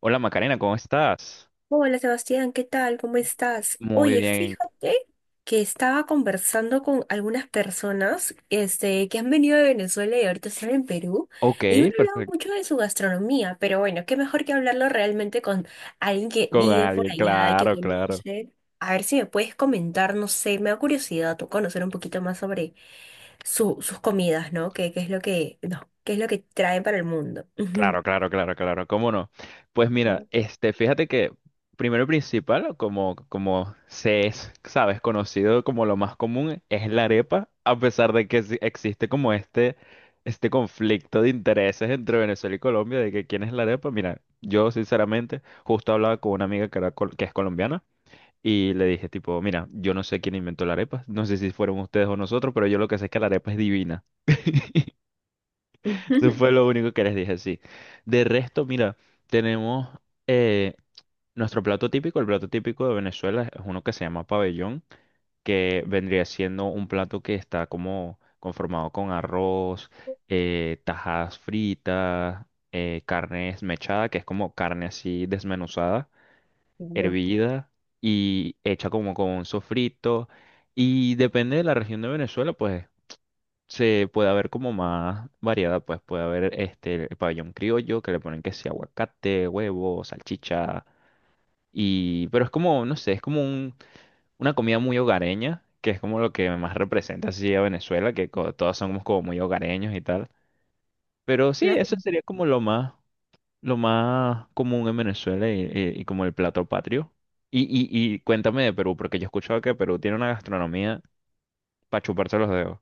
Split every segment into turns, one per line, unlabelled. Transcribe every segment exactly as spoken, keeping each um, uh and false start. Hola Macarena, ¿cómo estás?
Hola Sebastián, ¿qué tal? ¿Cómo estás?
Muy
Oye,
bien.
fíjate que estaba conversando con algunas personas este, que han venido de Venezuela y ahorita están en Perú
Ok,
y me han hablado
perfecto.
mucho de su gastronomía, pero bueno, qué mejor que hablarlo realmente con alguien que
Con
vive por
alguien,
allá y que
claro, claro.
conoce. A ver si me puedes comentar, no sé, me da curiosidad tú conocer un poquito más sobre su- sus comidas, ¿no? ¿Qué, qué es lo que, no, qué es lo que traen para el mundo?
Claro, claro, claro, claro. ¿Cómo no? Pues mira,
Ujú.
este, fíjate que primero y principal, como, como se es, sabes, conocido como lo más común, es la arepa, a pesar de que sí existe como este, este conflicto de intereses entre Venezuela y Colombia, de que quién es la arepa. Mira, yo sinceramente justo hablaba con una amiga que, era col- que es colombiana. Y le dije, tipo, mira, yo no sé quién inventó la arepa, no sé si fueron ustedes o nosotros, pero yo lo que sé es que la arepa es divina. Eso fue lo único que les dije, sí. De resto, mira, tenemos eh, nuestro plato típico, el plato típico de Venezuela es uno que se llama pabellón, que vendría siendo un plato que está como conformado con arroz, eh, tajadas fritas, eh, carne desmechada, que es como carne así desmenuzada
Claro,
hervida y hecha como con un sofrito. Y depende de la región de Venezuela, pues se puede haber como más variedad, pues puede haber este el pabellón criollo que le ponen que sea aguacate, huevo, salchicha y pero es como, no sé, es como un- una comida muy hogareña, que es como lo que más representa así a Venezuela, que co- todos somos como muy hogareños y tal. Pero sí, eso
claro,
sería como lo más lo más común en Venezuela y, y- y como el plato patrio. Y, y, y cuéntame de Perú, porque yo he escuchado que Perú tiene una gastronomía para chuparse los dedos.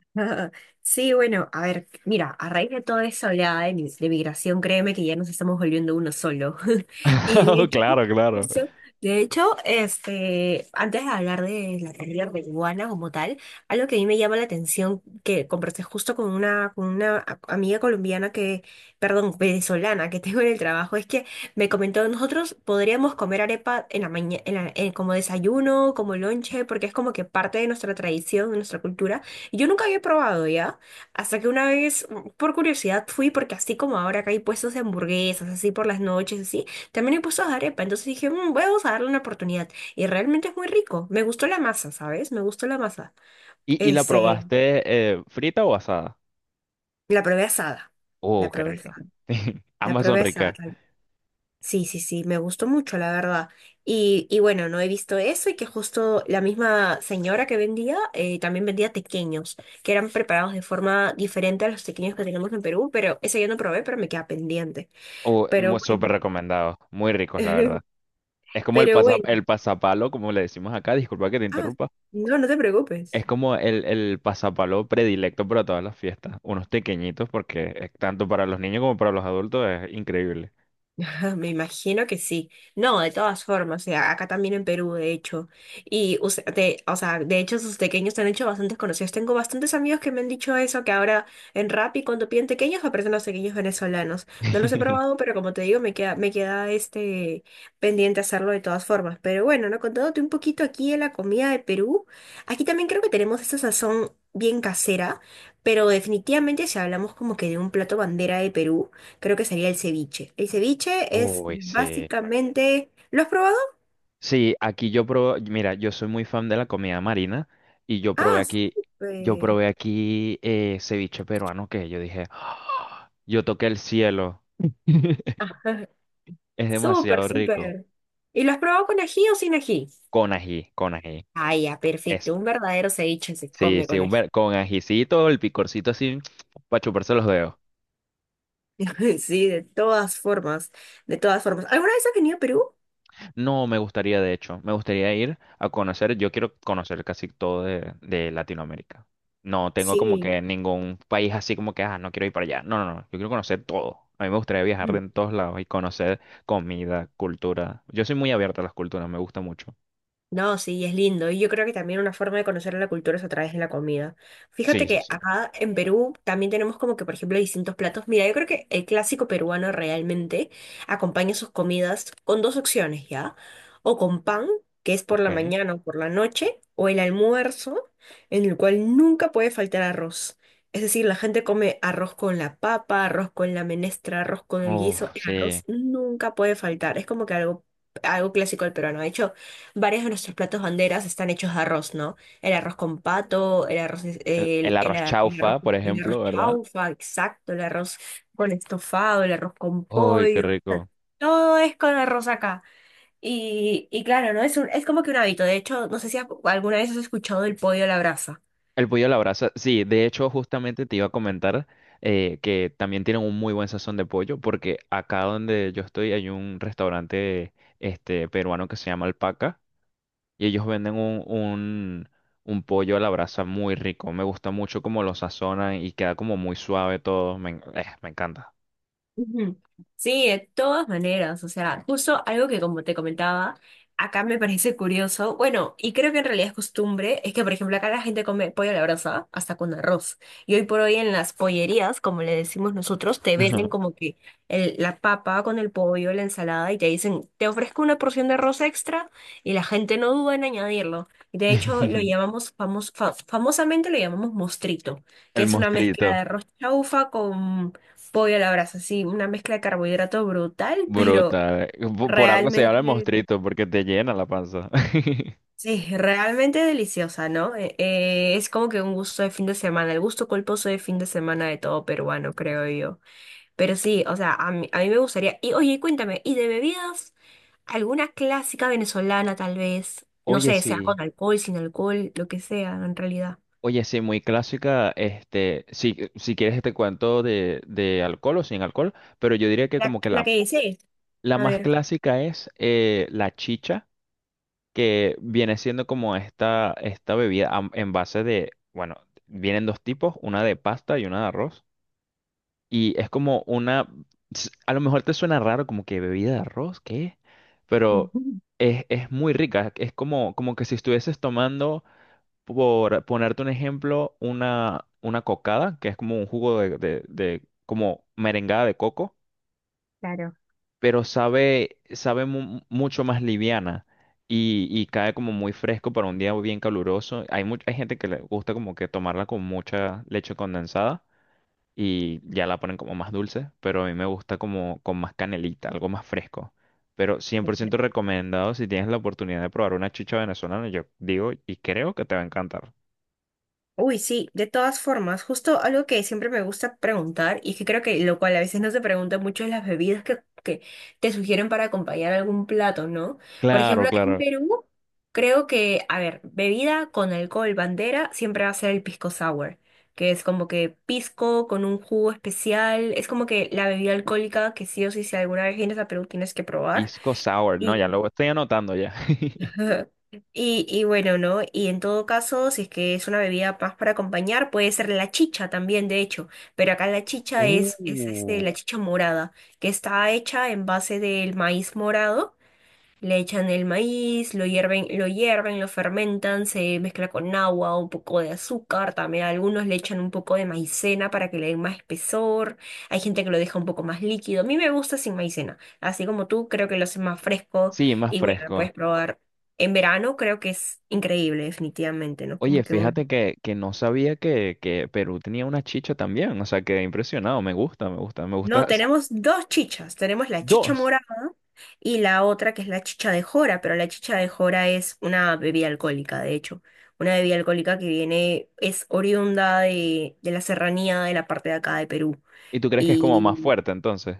sí, bueno, a ver, mira, a raíz de toda esa oleada de, mi- de migración, créeme que ya nos estamos volviendo uno solo. Y de hecho,
Claro, claro.
justo, de hecho, este, antes de hablar de la comida peruana como tal, algo que a mí me llama la atención, que conversé justo con una, con una a- amiga colombiana que, perdón, venezolana que tengo en el trabajo, es que me comentó, nosotros podríamos comer arepa en la mañana, como desayuno, como lonche, porque es como que parte de nuestra tradición, de nuestra cultura yo nunca había probado ya, hasta que una vez, mm, por curiosidad, fui porque así como ahora acá hay puestos de hamburguesas, así por las noches, así, también hay puestos de arepa, entonces dije, "Mm, voy a darle una oportunidad. Y realmente es muy rico. Me gustó la masa, ¿sabes? Me gustó la masa.
¿Y, y la
Este,
probaste eh, frita o asada?
la probé asada.
Oh,
La
qué
probé
rico.
asada. La
Ambas son
probé asada.
ricas.
Sí, sí, sí, me gustó mucho, la verdad. Y, y bueno, no he visto eso y que justo la misma señora que vendía eh, también vendía tequeños, que eran preparados de forma diferente a los tequeños que tenemos en Perú, pero ese yo no probé, pero me queda pendiente.
Oh,
Pero
mu- súper
bueno,
recomendados. Muy ricos, la verdad. Es como el
pero
pasa- el
bueno.
pasapalo, como le decimos acá. Disculpa que te
Ah,
interrumpa.
no, no te
Es
preocupes.
como el, el pasapalo predilecto para todas las fiestas. Unos pequeñitos, porque eh, tanto para los niños como para los adultos es increíble.
Me imagino que sí. No, de todas formas, o sea, acá también en Perú, de hecho. Y, o sea, de, o sea, de hecho, sus pequeños se han hecho bastante conocidos. Tengo bastantes amigos que me han dicho eso, que ahora en Rappi, cuando piden pequeños, aparecen los pequeños venezolanos. No los he probado, pero como te digo, me queda, me queda este pendiente hacerlo de todas formas. Pero bueno, ¿no? Contándote un poquito aquí de la comida de Perú. Aquí también creo que tenemos esa sazón bien casera, pero definitivamente si hablamos como que de un plato bandera de Perú. Creo que sería el ceviche. El ceviche es
Uy, sí.
básicamente... ¿Lo has probado?
Sí, aquí yo probé, mira, yo soy muy fan de la comida marina y yo probé
Ah,
aquí, yo
súper.
probé aquí eh, ceviche peruano que yo dije, "Ah, yo toqué el cielo.
Ajá,
Es
súper,
demasiado rico.
súper. ¿Y lo has probado con ají o sin ají?
Con ají, con ají.
Ah, ya,
Es,
perfecto. Un verdadero ceviche se
sí,
come
sí,
con
un
ají.
ver- con ajicito, el picorcito así, para chuparse los dedos.
Sí, de todas formas, de todas formas. ¿Alguna vez has venido a Perú?
No, me gustaría, de hecho, me gustaría ir a conocer, yo quiero conocer casi todo de, de Latinoamérica. No tengo como
Sí.
que ningún país así como que, ah, no quiero ir para allá. No, no, no, yo quiero conocer todo. A mí me gustaría viajar de en todos lados y conocer comida, cultura. Yo soy muy abierta a las culturas, me gusta mucho.
No, sí, es lindo. Y yo creo que también una forma de conocer la cultura es a través de la comida. Fíjate
Sí, sí,
que
sí.
acá en Perú también tenemos como que, por ejemplo, distintos platos. Mira, yo creo que el clásico peruano realmente acompaña sus comidas con dos opciones, ¿ya? O con pan, que es por
Ok.
la mañana o por la noche, o el almuerzo, en el cual nunca puede faltar arroz. Es decir, la gente come arroz con la papa, arroz con la menestra, arroz con el
Uf,
guiso. El arroz
sí.
nunca puede faltar. Es como que algo, algo clásico del peruano. De hecho, varios de nuestros platos banderas están hechos de arroz, ¿no? El arroz con pato, el arroz, es-
El, el
el, el
arroz
a- el
chaufa,
arroz,
por
el arroz
ejemplo, ¿verdad?
chaufa, exacto, el arroz con estofado, el arroz con
Uy, qué
pollo, o sea,
rico.
todo es con arroz acá. Y, y claro, ¿no? Es un- es como que un hábito. De hecho, no sé si a- alguna vez has escuchado el pollo a la brasa.
El pollo a la brasa, sí, de hecho justamente te iba a comentar eh, que también tienen un muy buen sazón de pollo porque acá donde yo estoy hay un restaurante este, peruano que se llama Alpaca y ellos venden un, un, un pollo a la brasa muy rico, me gusta mucho cómo lo sazonan y queda como muy suave todo, me, en- eh, me encanta.
Ujú. Sí, de todas maneras, o sea, justo algo que como te comentaba, acá me parece curioso, bueno, y creo que en realidad es costumbre, es que por ejemplo acá la gente come pollo a la brasa hasta con arroz, y hoy por hoy en las pollerías, como le decimos nosotros, te venden como que el- la papa con el pollo, la ensalada, y te dicen, te ofrezco una porción de arroz extra, y la gente no duda en añadirlo, de hecho lo llamamos, famos- fa- famosamente lo llamamos mostrito, que
El
es una mezcla de
mostrito,
arroz chaufa, pollo a la brasa, sí, una mezcla de carbohidrato brutal, pero
brutal, por por algo se llama el
realmente,
mostrito porque te llena la panza.
sí, realmente deliciosa, ¿no? Eh, eh, es como que un gusto de fin de semana, el gusto culposo de fin de semana de todo peruano, creo yo. Pero sí, o sea, a mí, a mí me gustaría. Y oye, cuéntame, ¿y de bebidas? ¿Alguna clásica venezolana tal vez? No
Oye,
sé, sea con
sí.
alcohol, sin alcohol, lo que sea, en realidad.
Oye, sí, muy clásica. Este, si, si quieres te cuento de, de alcohol o sin alcohol, pero yo diría que
La,
como que
la
la,
que dices.
la
A
más
ver.
clásica es eh, la chicha, que viene siendo como esta, esta bebida am- en base de, bueno, vienen dos tipos, una de pasta y una de arroz. Y es como una, s- a lo mejor te suena raro como que bebida de arroz, ¿qué? Pero
Ujú,
es, es muy rica, es como, como que si estuvieses tomando por ponerte un ejemplo, una, una cocada, que es como un jugo de, de- de- como merengada de coco,
claro.
pero sabe, sabe mu- mucho más liviana y, y cae como muy fresco para un día bien caluroso. Hay mucha hay gente que le gusta como que tomarla con mucha leche condensada y ya la ponen como más dulce, pero a mí me gusta como con más canelita, algo más fresco. Pero cien por ciento recomendado si tienes la oportunidad de probar una chicha venezolana, yo digo y creo que te va a encantar.
Uy, sí, de todas formas, justo algo que siempre me gusta preguntar y que creo que lo cual a veces no se pregunta mucho es las bebidas que, que te sugieren para acompañar algún plato, ¿no? Por
Claro,
ejemplo, acá en
claro.
Perú, creo que, a ver, bebida con alcohol, bandera, siempre va a ser el pisco sour, que es como que pisco con un jugo especial, es como que la bebida alcohólica que sí o sí, si alguna vez vienes a Perú tienes que probar.
Pisco sour, no, ya lo estoy anotando ya.
Ajá. Y, y bueno, ¿no? Y en todo caso, si es que es una bebida más para acompañar, puede ser la chicha también, de hecho. Pero acá la chicha es, es este,
Uh,
la chicha morada, que está hecha en base del maíz morado. Le echan el maíz, lo hierven, lo hierven, lo fermentan, se mezcla con agua, un poco de azúcar, también a algunos le echan un poco de maicena para que le den más espesor. Hay gente que lo deja un poco más líquido. A mí me gusta sin maicena, así como tú, creo que lo hace más fresco
Sí, más
y bueno, lo
fresco.
puedes probar en verano, creo que es increíble, definitivamente, ¿no? Como
Oye,
que
fíjate
un...
que, que no sabía que, que Perú tenía una chicha también. O sea, quedé impresionado. Me gusta, me gusta, me gusta.
No,
s-
tenemos dos chichas, tenemos la chicha
Dos.
morada y la otra que es la chicha de jora, pero la chicha de jora es una bebida alcohólica, de hecho. Una bebida alcohólica que viene, es oriunda de, de la serranía de la parte de acá de Perú.
¿Y tú crees que es como más fuerte entonces?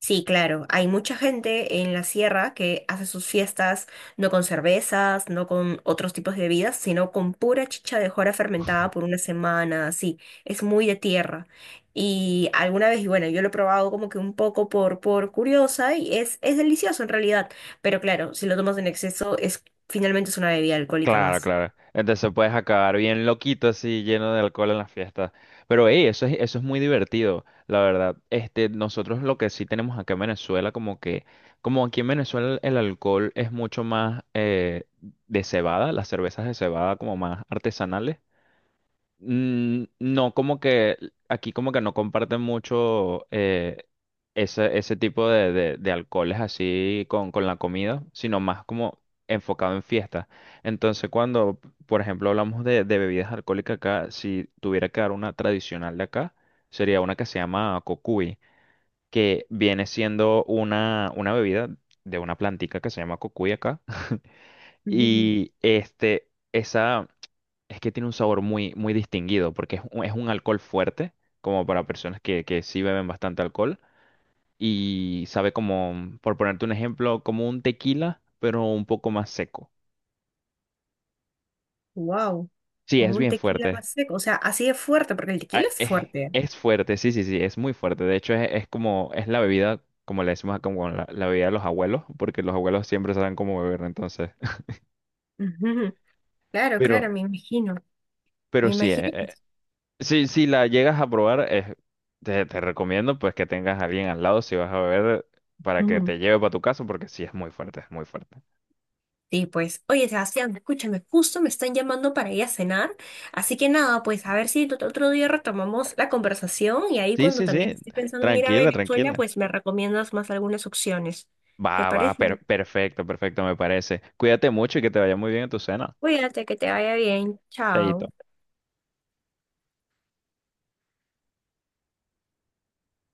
Sí, claro. Hay mucha gente en la sierra que hace sus fiestas no con cervezas, no con otros tipos de bebidas, sino con pura chicha de jora fermentada por una semana, así. Es muy de tierra. Y alguna vez, y bueno, yo lo he probado como que un poco por, por curiosa y es, es delicioso en realidad. Pero claro, si lo tomas en exceso, es finalmente es una bebida alcohólica
Claro,
más.
claro. Entonces puedes acabar bien loquito así, lleno de alcohol en la fiesta. Pero ey, eso es, eso es muy divertido, la verdad. Este, nosotros lo que sí tenemos acá en Venezuela, como que, como aquí en Venezuela el alcohol es mucho más eh, de cebada, las cervezas de cebada como más artesanales. Mm, No, como que aquí como que no comparten mucho eh, ese, ese tipo de, de- de alcoholes así con, con la comida, sino más como enfocado en fiestas. Entonces, cuando, por ejemplo, hablamos de, de bebidas alcohólicas acá, si tuviera que dar una tradicional de acá, sería una que se llama cocuy, que viene siendo una, una bebida de una plantica que se llama cocuy acá. Y este, esa. Es que tiene un sabor muy, muy distinguido, porque es un, es un alcohol fuerte, como para personas que, que sí beben bastante alcohol, y sabe como, por ponerte un ejemplo, como un tequila, pero un poco más seco.
Wow,
Sí,
como
es
un
bien
tequila
fuerte.
más seco, o sea, así de fuerte, porque el
Ah,
tequila es
Es,
fuerte.
es fuerte, sí, sí, sí, es muy fuerte. De hecho, es, es como, es la bebida, como le decimos acá, como la, la bebida de los abuelos, porque los abuelos siempre saben cómo beber, entonces.
Ujú, claro,
Pero,
claro, me imagino. Me
pero sí. e-
imagino que
e-
sí.
es, Sí, si la llegas a probar, es- te, te recomiendo pues que tengas a alguien al lado si vas a beber para que
Ujú.
te lleve para tu casa, porque sí es muy fuerte, es muy fuerte.
Sí, pues, oye, Sebastián, escúchame, justo me están llamando para ir a cenar, así que nada, pues a ver si ot- otro día retomamos la conversación y ahí
Sí,
cuando
sí,
también
sí.
esté pensando en ir a
Tranquila,
Venezuela,
tranquila.
pues me recomiendas más algunas opciones. ¿Te
Va, va, per-
parece?
perfecto, perfecto, me parece. Cuídate mucho y que te vaya muy bien en tu cena.
Cuídate, que te vaya bien.
Chaito.
Chao.